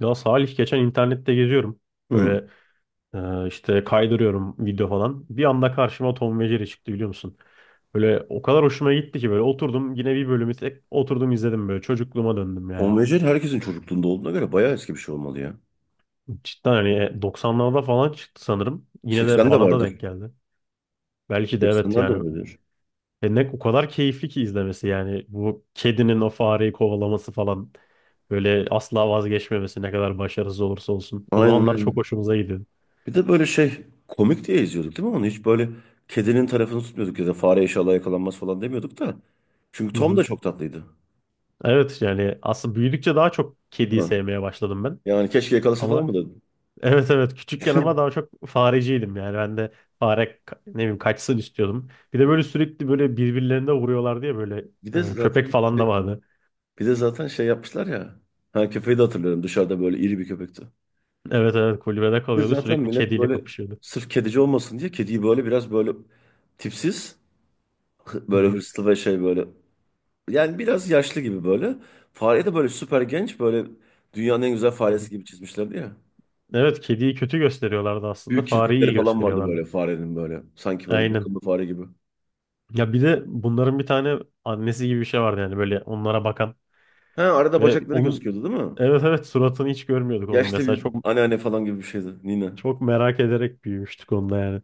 Ya Salih geçen internette geziyorum. Hı. Böyle işte kaydırıyorum video falan. Bir anda karşıma Tom ve Jerry çıktı biliyor musun? Böyle o kadar hoşuma gitti ki böyle oturdum yine bir bölümü tek oturdum izledim böyle çocukluğuma döndüm yani. Konvejel herkesin çocukluğunda olduğuna göre bayağı eski bir şey olmalı ya. Cidden hani 90'larda falan çıktı sanırım. Yine de 80 bana da denk vardır. geldi. Belki de evet 80'ler de yani. olabilir. E ne o kadar keyifli ki izlemesi yani. Bu kedinin o fareyi kovalaması falan. Böyle asla vazgeçmemesi ne kadar başarısız olursa olsun. O Aynen zamanlar çok aynen. hoşumuza gidiyordu. Bir de böyle şey komik diye izliyorduk değil mi onu? Hiç böyle kedinin tarafını tutmuyorduk ya da fare inşallah yakalanmaz falan demiyorduk da. Çünkü Tom da çok tatlıydı. Evet yani aslında büyüdükçe daha çok kediyi Ha. sevmeye başladım ben. Yani keşke yakalasa falan Ama mı dedim. evet evet küçükken ama daha çok fareciydim yani ben de ne bileyim kaçsın istiyordum. Bir de böyle sürekli böyle birbirlerine vuruyorlar diye böyle Bir de köpek zaten falan da şey, vardı. bir de zaten şey yapmışlar ya. Ha, köpeği de hatırlıyorum, dışarıda böyle iri bir köpekti. Evet evet kulübede Bir de kalıyordu zaten sürekli millet kediyle böyle kapışıyordu. sırf kedici olmasın diye kediyi böyle biraz böyle tipsiz, Hı böyle hı, hırslı ve şey böyle. Yani biraz yaşlı gibi böyle. Fareyi de böyle süper genç, böyle dünyanın en güzel hı faresi hı. gibi çizmişlerdi ya. Evet kediyi kötü gösteriyorlardı aslında Büyük fareyi kirpikleri iyi falan vardı gösteriyorlardı. böyle farenin böyle. Sanki böyle Aynen. bakımlı fare gibi. Ya bir de bunların bir tane annesi gibi bir şey vardı yani böyle onlara bakan Ha, arada ve bacakları onun gözüküyordu değil mi? evet evet suratını hiç görmüyorduk onun Yaşlı mesela bir çok anneanne falan gibi bir şeydi Nina. çok merak ederek büyümüştük onda yani.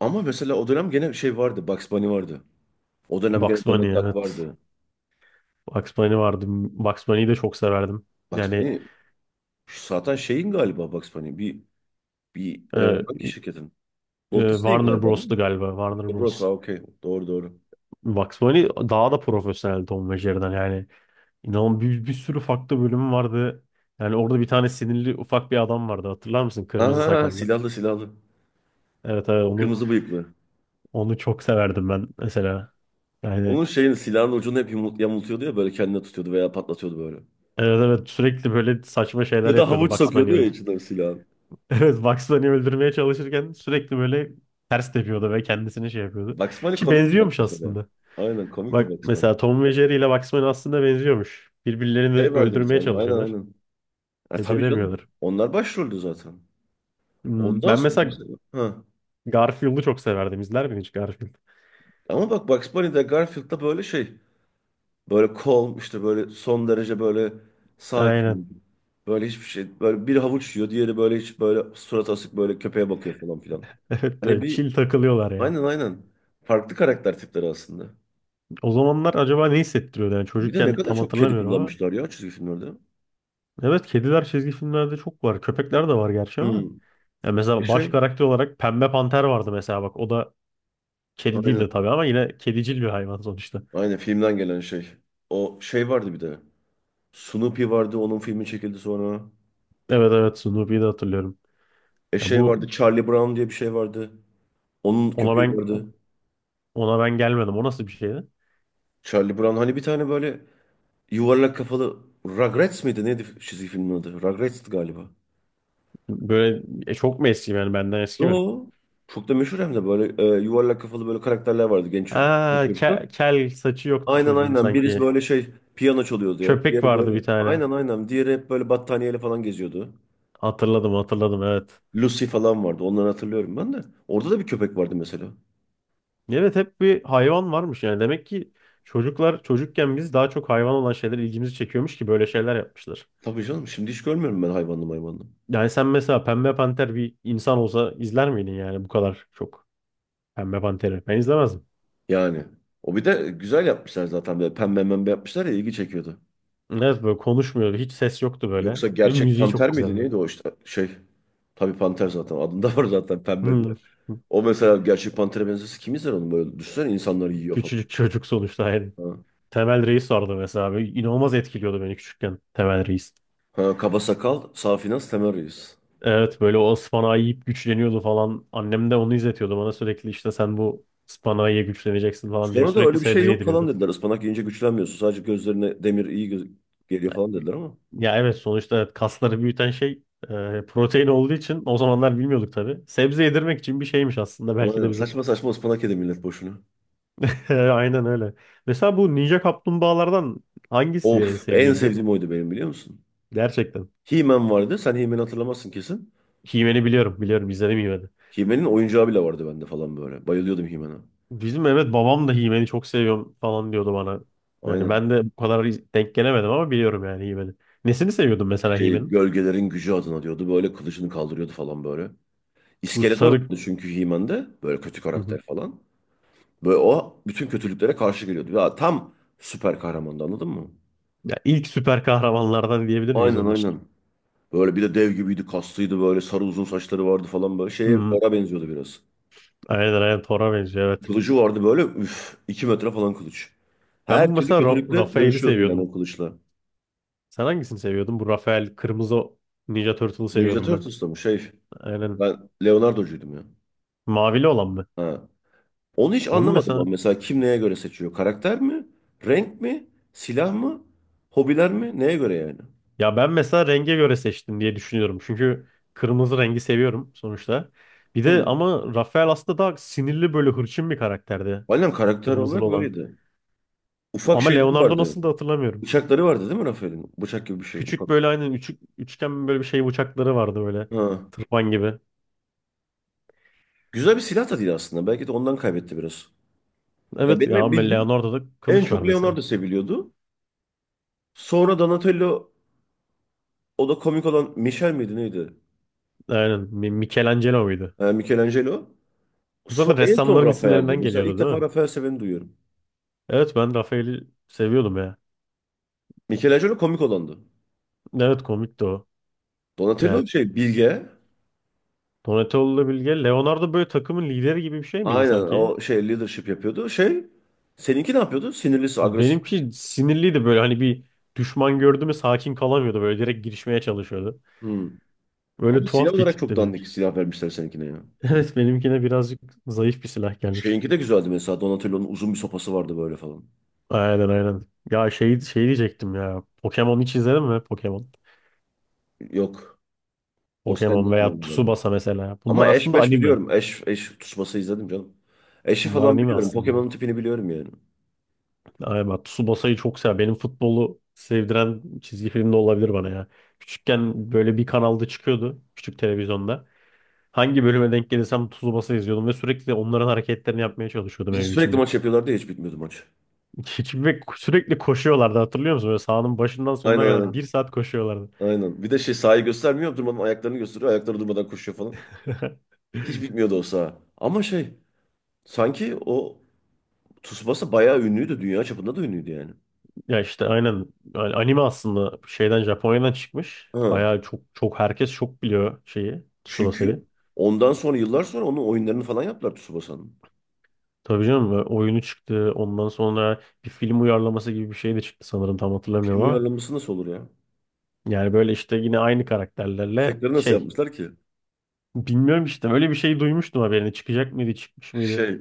Ama mesela o dönem gene şey vardı. Bugs Bunny vardı. O dönem gene Bugs Bunny Donald Duck evet. vardı. Bugs Bunny vardı. Bugs Bunny'yi de çok severdim. Bugs Yani Bunny şu zaten şeyin galiba, Bugs Bunny. Bir, bir e, hangi şirketin? Walt Disney'in Warner galiba değil mi? Bros'tu galiba. Warner Burası Bros. okey. Doğru doğru. Bugs Bunny daha da profesyonel Tom ve Jerry'den yani. İnanın bir sürü farklı bölümü vardı. Yani orada bir tane sinirli ufak bir adam vardı. Hatırlar mısın? Kırmızı Aha, sakallı. silahlı silahlı. Evet evet onu Kırmızı bıyıklı. onu çok severdim ben mesela. Onun Yani şeyin silahın ucunu hep yamultuyordu ya, böyle kendine tutuyordu veya patlatıyordu böyle. evet evet sürekli böyle saçma şeyler Ya da yapıyordu. havuç Bugs Bunny sokuyordu ya öldü. içinden silahın. Evet, Bugs Bunny'i öldürmeye çalışırken sürekli böyle ters tepiyordu ve kendisini şey yapıyordu. Bugs Bunny Ki komikti bak benziyormuş mesela. aslında. Aynen, komikti Bak Bugs Bunny. mesela Tom ve Jerry ile Bugs Bunny aslında benziyormuş. Birbirlerini Şey vardı bir öldürmeye tane, aynen çalışıyorlar. aynen. Ha, tabii canım, Beceremiyorlar. onlar başroldü zaten. Ondan Ben sonra mesela mesela. Ha. Garfield'u çok severdim. İzler miydin hiç Garfield? Ama bak, Bugs Bunny'de, Garfield'da böyle şey. Böyle calm, işte böyle son derece böyle Aynen. sakin. Böyle hiçbir şey. Böyle bir havuç yiyor, diğeri böyle hiç, böyle surat asık, böyle köpeğe bakıyor falan filan. Evet, Hani evet, bir, chill takılıyorlar yani. aynen aynen. Farklı karakter tipleri aslında. O zamanlar acaba ne hissettiriyordu? Yani Bir de ne çocukken kadar tam çok kedi hatırlamıyorum ama. kullanmışlar ya çizgi filmlerde. Evet, kediler çizgi filmlerde çok var. Köpekler de var gerçi ama. Hmm. Ya mesela baş Şey, karakter olarak Pembe Panter vardı mesela bak. O da kedi değil de aynen. tabii ama yine kedicil bir hayvan sonuçta. Aynen, filmden gelen şey. O şey vardı bir de. Snoopy vardı, onun filmi çekildi sonra. Evet evet Snoopy'yi de hatırlıyorum. Ya Şey vardı, bu Charlie Brown diye bir şey vardı. Onun ona köpeği ben vardı. ona ben gelmedim. O nasıl bir şeydi? Charlie Brown, hani bir tane böyle yuvarlak kafalı. Rugrats mıydı? Neydi çizgi filmin adı? Rugrats'tı galiba. Böyle çok mu eski yani benden eski mi? Yo. Çok da meşhur hem de, böyle yuvarlak kafalı böyle karakterler vardı, Aa, çocuklar. Kel saçı yoktu Aynen çocuğun aynen. Birisi sanki. böyle şey, piyano çalıyordu hep. Köpek Diğeri vardı bir böyle. tane. Aynen aynen. Diğeri hep böyle battaniyeyle falan geziyordu. Hatırladım hatırladım evet. Lucy falan vardı. Onları hatırlıyorum ben de. Orada da bir köpek vardı mesela. Evet hep bir hayvan varmış yani. Demek ki çocuklar çocukken biz daha çok hayvan olan şeyler ilgimizi çekiyormuş ki böyle şeyler yapmışlar. Tabii canım. Şimdi hiç görmüyorum ben, hayvanlı hayvanlı. Yani sen mesela Pembe Panter bir insan olsa izler miydin yani bu kadar çok Pembe Panter'i? Ben izlemezdim. Yani. O bir de güzel yapmışlar zaten. Böyle pembe pembe yapmışlar ya, ilgi çekiyordu. Evet böyle konuşmuyordu. Hiç ses yoktu böyle. Yoksa Ve gerçek müziği panter çok miydi, güzeldi. neydi o işte, şey. Tabii panter zaten adında var zaten, pembe diye. Hmm. O mesela gerçek pantere benzesi kim izler onu, böyle düşünsene, insanları yiyor falan. Küçücük çocuk sonuçta yani. Ha. Temel Reis vardı mesela. Böyle inanılmaz etkiliyordu beni küçükken Temel Reis. Ha, kaba sakal, safi nas, Temel Reis. Evet böyle o ıspanağı yiyip güçleniyordu falan. Annem de onu izletiyordu bana sürekli işte sen bu ıspanağı ye güçleneceksin falan diye Sonra da sürekli öyle bir şey sebze yok falan yediriyordu. dediler. Ispanak yiyince güçlenmiyorsun. Sadece gözlerine, demir iyi geliyor falan dediler ama. Ya evet sonuçta evet, kasları büyüten şey protein olduğu için o zamanlar bilmiyorduk tabii. Sebze yedirmek için bir şeymiş aslında belki Aynen. de bize. Saçma saçma ıspanak yedi millet boşuna. Aynen öyle. Mesela bu Ninja Kaplumbağalardan hangisi en Of, en sevdiğinde? sevdiğim oydu benim, biliyor musun? Gerçekten. He-Man vardı. Sen He-Man'i hatırlamazsın kesin. He-Man'i biliyorum. Biliyorum izledim He-Man'i. He-Man'in oyuncağı bile vardı bende falan böyle. Bayılıyordum He-Man'a. Bizim evet babam da He-Man'i çok seviyorum falan diyordu bana. Yani Aynen. ben de bu kadar denk gelemedim ama biliyorum yani He-Man'i. Nesini seviyordun mesela Şey, He-Man'in? gölgelerin gücü adına diyordu. Böyle kılıcını kaldırıyordu falan böyle. Bu İskeletor sarı... vardı çünkü He-Man'de. Böyle kötü Hı hı. karakter falan. Böyle o bütün kötülüklere karşı geliyordu. Ya tam süper kahramandı, anladın mı? Ya ilk süper kahramanlardan diyebilir miyiz Aynen onun için? aynen. Böyle bir de dev gibiydi, kaslıydı, böyle sarı uzun saçları vardı falan, böyle Hı şeye, hı. Thor'a benziyordu biraz. Aynen aynen Thor'a benziyor evet. Kılıcı vardı böyle, üf, 2 metre falan kılıç. Ben bu Her türlü mesela kötülükle Raphael'i dövüşüyordu yani seviyordum. o kılıçla. Sen hangisini seviyordun? Bu Raphael kırmızı Ninja Turtle'ı Ninja seviyordum ben. Turtles'ta mı şey? Aynen. Ben Leonardo'cuydum ya. Mavili olan mı? Ha. Onu hiç Onun anlamadım mesela ben mesela, kim neye göre seçiyor? Karakter mi? Renk mi? Silah mı? Hobiler mi? Neye göre yani? ya ben mesela renge göre seçtim diye düşünüyorum. Çünkü kırmızı rengi seviyorum sonuçta. Bir de Hmm. ama Rafael aslında daha sinirli böyle hırçın bir karakterdi. Aynen, karakter Kırmızılı olarak olan. öyleydi. Ufak Ama şeyleri Leonardo vardı. nasıl da hatırlamıyorum. Bıçakları vardı değil mi Rafael'in? Bıçak gibi bir şey, ufak. Küçük böyle aynen üçgen böyle bir şey bıçakları vardı böyle. Ha. Tırpan gibi. Güzel bir silah da değil aslında. Belki de ondan kaybetti biraz. Ya, Evet benim ya hep ama bildiğim Leonardo'da en kılıç var çok mesela. Leonardo seviliyordu. Sonra Donatello, o da komik olan, Michel miydi, neydi? Aynen Michelangelo muydu? Ha, Michelangelo. Bu zaten En son ressamların Rafael'di. isimlerinden Mesela ilk geliyordu değil defa mi? Rafael seveni duyuyorum. Evet ben Rafael'i seviyordum ya. Michelangelo komik olandı. Evet komikti o. Yani Donatello şey, bilge. Donatello'la Bilge. Leonardo böyle takımın lideri gibi bir şey miydi Aynen, sanki? o şey leadership yapıyordu. Şey, seninki ne yapıyordu? Sinirlisi, agresif. Benimki sinirliydi böyle hani bir düşman gördü mü sakin kalamıyordu. Böyle direkt girişmeye çalışıyordu. Hmm. Böyle Ama silah tuhaf bir olarak çok tipti benimki. dandik silah vermişler seninkine ya. Evet benimkine birazcık zayıf bir silah gelmiş. Şeyinki de güzeldi mesela. Donatello'nun uzun bir sopası vardı böyle falan. Aynen aynen. Ya şey, şey diyecektim ya. Pokemon hiç izledin mi? Pokemon. Yok. O sende. Pokemon veya Tsubasa mesela. Bunlar Ama eş aslında meş anime. biliyorum. Eş, eş tutuşması izledim canım. Eşi Bunlar falan anime biliyorum. aslında. Pokemon'un tipini biliyorum yani. Ay bak Tsubasa'yı çok sever. Benim futbolu sevdiren çizgi film de olabilir bana ya. Küçükken böyle bir kanalda çıkıyordu. Küçük televizyonda. Hangi bölüme denk gelirsem Tsubasa izliyordum ve sürekli onların hareketlerini yapmaya çalışıyordum Bir de evin sürekli içinde. maç yapıyorlardı ya, hiç bitmiyordu maç. Ve sürekli koşuyorlardı hatırlıyor musun? Böyle sahanın başından sonuna Aynen kadar bir aynen. saat koşuyorlardı. Aynen. Bir de şey, sahayı göstermiyor. Durmadan ayaklarını gösteriyor. Ayakları durmadan koşuyor falan. Hiç bitmiyordu o saha. Ama şey, sanki o Tsubasa bayağı ünlüydü. Dünya çapında da ünlüydü yani. Ya işte aynen yani anime aslında şeyden Japonya'dan çıkmış. Ha. Bayağı çok çok herkes çok biliyor şeyi Tsubasa'yı. Çünkü ondan sonra yıllar sonra onun oyunlarını falan yaptılar, Tsubasa'nın. Tabii canım oyunu çıktı. Ondan sonra bir film uyarlaması gibi bir şey de çıktı sanırım tam hatırlamıyorum Film ama. uyarlaması nasıl olur ya? Yani böyle işte yine aynı karakterlerle Efektleri nasıl şey yapmışlar ki? bilmiyorum işte öyle bir şey duymuştum haberini. Çıkacak mıydı çıkmış mıydı? Şey,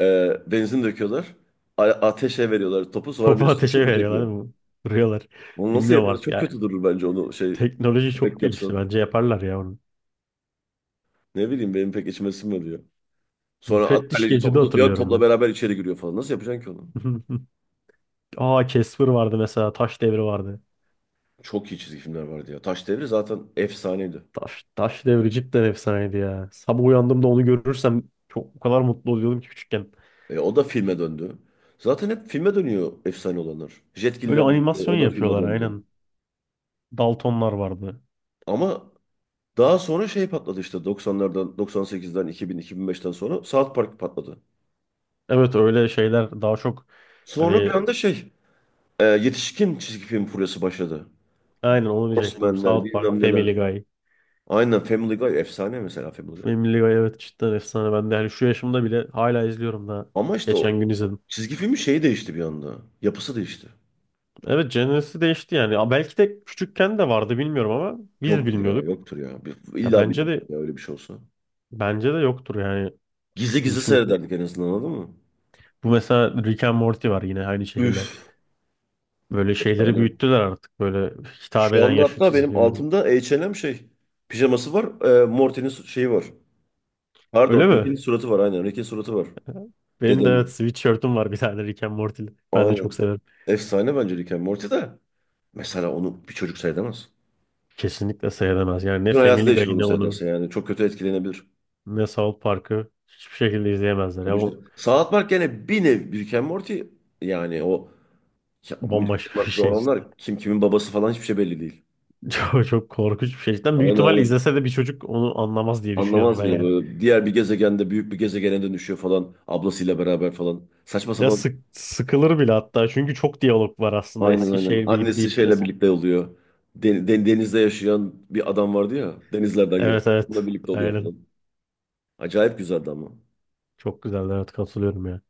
Benzin döküyorlar. Ateşe veriyorlar topu. Sonra Topu birisi çok ateşe mu veriyorlar çekiyor? değil mi? Vuruyorlar. Onu nasıl Bilmiyorum yaparız? artık Çok ya. kötü durur bence onu, şey, Teknoloji çok efekt gelişti yapsan. bence yaparlar ya onu. Ne bileyim, benim pek içime sinmiyor. Sonra at, Müfettiş kaleci Gece'de topu tutuyor. hatırlıyorum Topla ben. beraber içeri giriyor falan. Nasıl yapacaksın ki onu? Aa Casper vardı mesela Taş Devri vardı. Çok iyi çizgi filmler vardı ya. Taş Devri zaten efsaneydi. Taş Devri cidden efsaneydi ya. Sabah uyandığımda onu görürsem çok o kadar mutlu oluyordum ki küçükken. E, o da filme döndü. Zaten hep filme dönüyor efsane olanlar. Jetgiller Böyle vardı. animasyon O da filme yapıyorlar döndü. aynen. Daltonlar vardı. Ama daha sonra şey patladı, işte 90'lardan, 98'den, 2000, 2005'ten sonra South Park patladı. Evet öyle şeyler daha çok Sonra hani bir anda şey, yetişkin çizgi film furyası başladı. aynen onu diyecektim. Horsemenler, South Park, bilmem neler. Family Guy. Aynen, Family Guy efsane mesela, Family Guy. Family Guy evet cidden efsane. Ben de hani şu yaşımda bile hala izliyorum da. Ama işte Geçen o gün izledim. çizgi filmin şeyi değişti bir anda. Yapısı değişti. Evet jenresi değişti yani. Ya belki de küçükken de vardı bilmiyorum ama biz Yoktur ya, bilmiyorduk. yoktur ya. Ya İlla bir de, bence de ya öyle bir şey olsa. bence de yoktur yani. Gizli gizli Çünkü seyrederdik en azından, anladın mı? bu mesela Rick and Morty var yine aynı şekilde. Üf. Böyle şeyleri Efsane. büyüttüler artık böyle hitap Şu eden anda yaşlı hatta çizgi benim filmlerin. altımda H&M şey. Pijaması var. Morty'nin şeyi var. Pardon. Öyle mi? Rick'in suratı var, aynen. Rick'in suratı var. Benim de evet Dedenin. sweatshirt'üm var bir tane Rick and Morty'li. Ben de çok Aynen. severim. Efsane bence Rick and Morty de. Mesela onu bir çocuk seyredemez. Kesinlikle seyredemez. Yani ne Bütün hayatı Family Guy değişir onu ne onu seyrederse yani. Çok kötü etkilenebilir. ne South Park'ı hiçbir şekilde izleyemezler. Ya Tabii bu canım. South Park gene bir nev Rick and Morty, yani o, ya, Rick and bambaşka bir Morty'de şey işte. olanlar kim kimin babası falan hiçbir şey belli değil. Çok korkunç bir şey. Cidden büyük Aynen ihtimal aynen. izlese de bir çocuk onu anlamaz diye düşünüyorum Anlamaz ben bile yani. böyle. Diğer bir gezegende büyük bir gezegene dönüşüyor falan. Ablasıyla beraber falan. Saçma Ya sapan. Sıkılır bile hatta. Çünkü çok diyalog var aslında. Aynen aynen. Eskişehir gibi Annesi değil. şeyle Mes- birlikte oluyor. Denizde yaşayan bir adam vardı ya. Denizlerden geldi. evet Onunla evet. birlikte oluyor Aynen. falan. Acayip güzeldi ama. Çok güzel. Evet katılıyorum ya.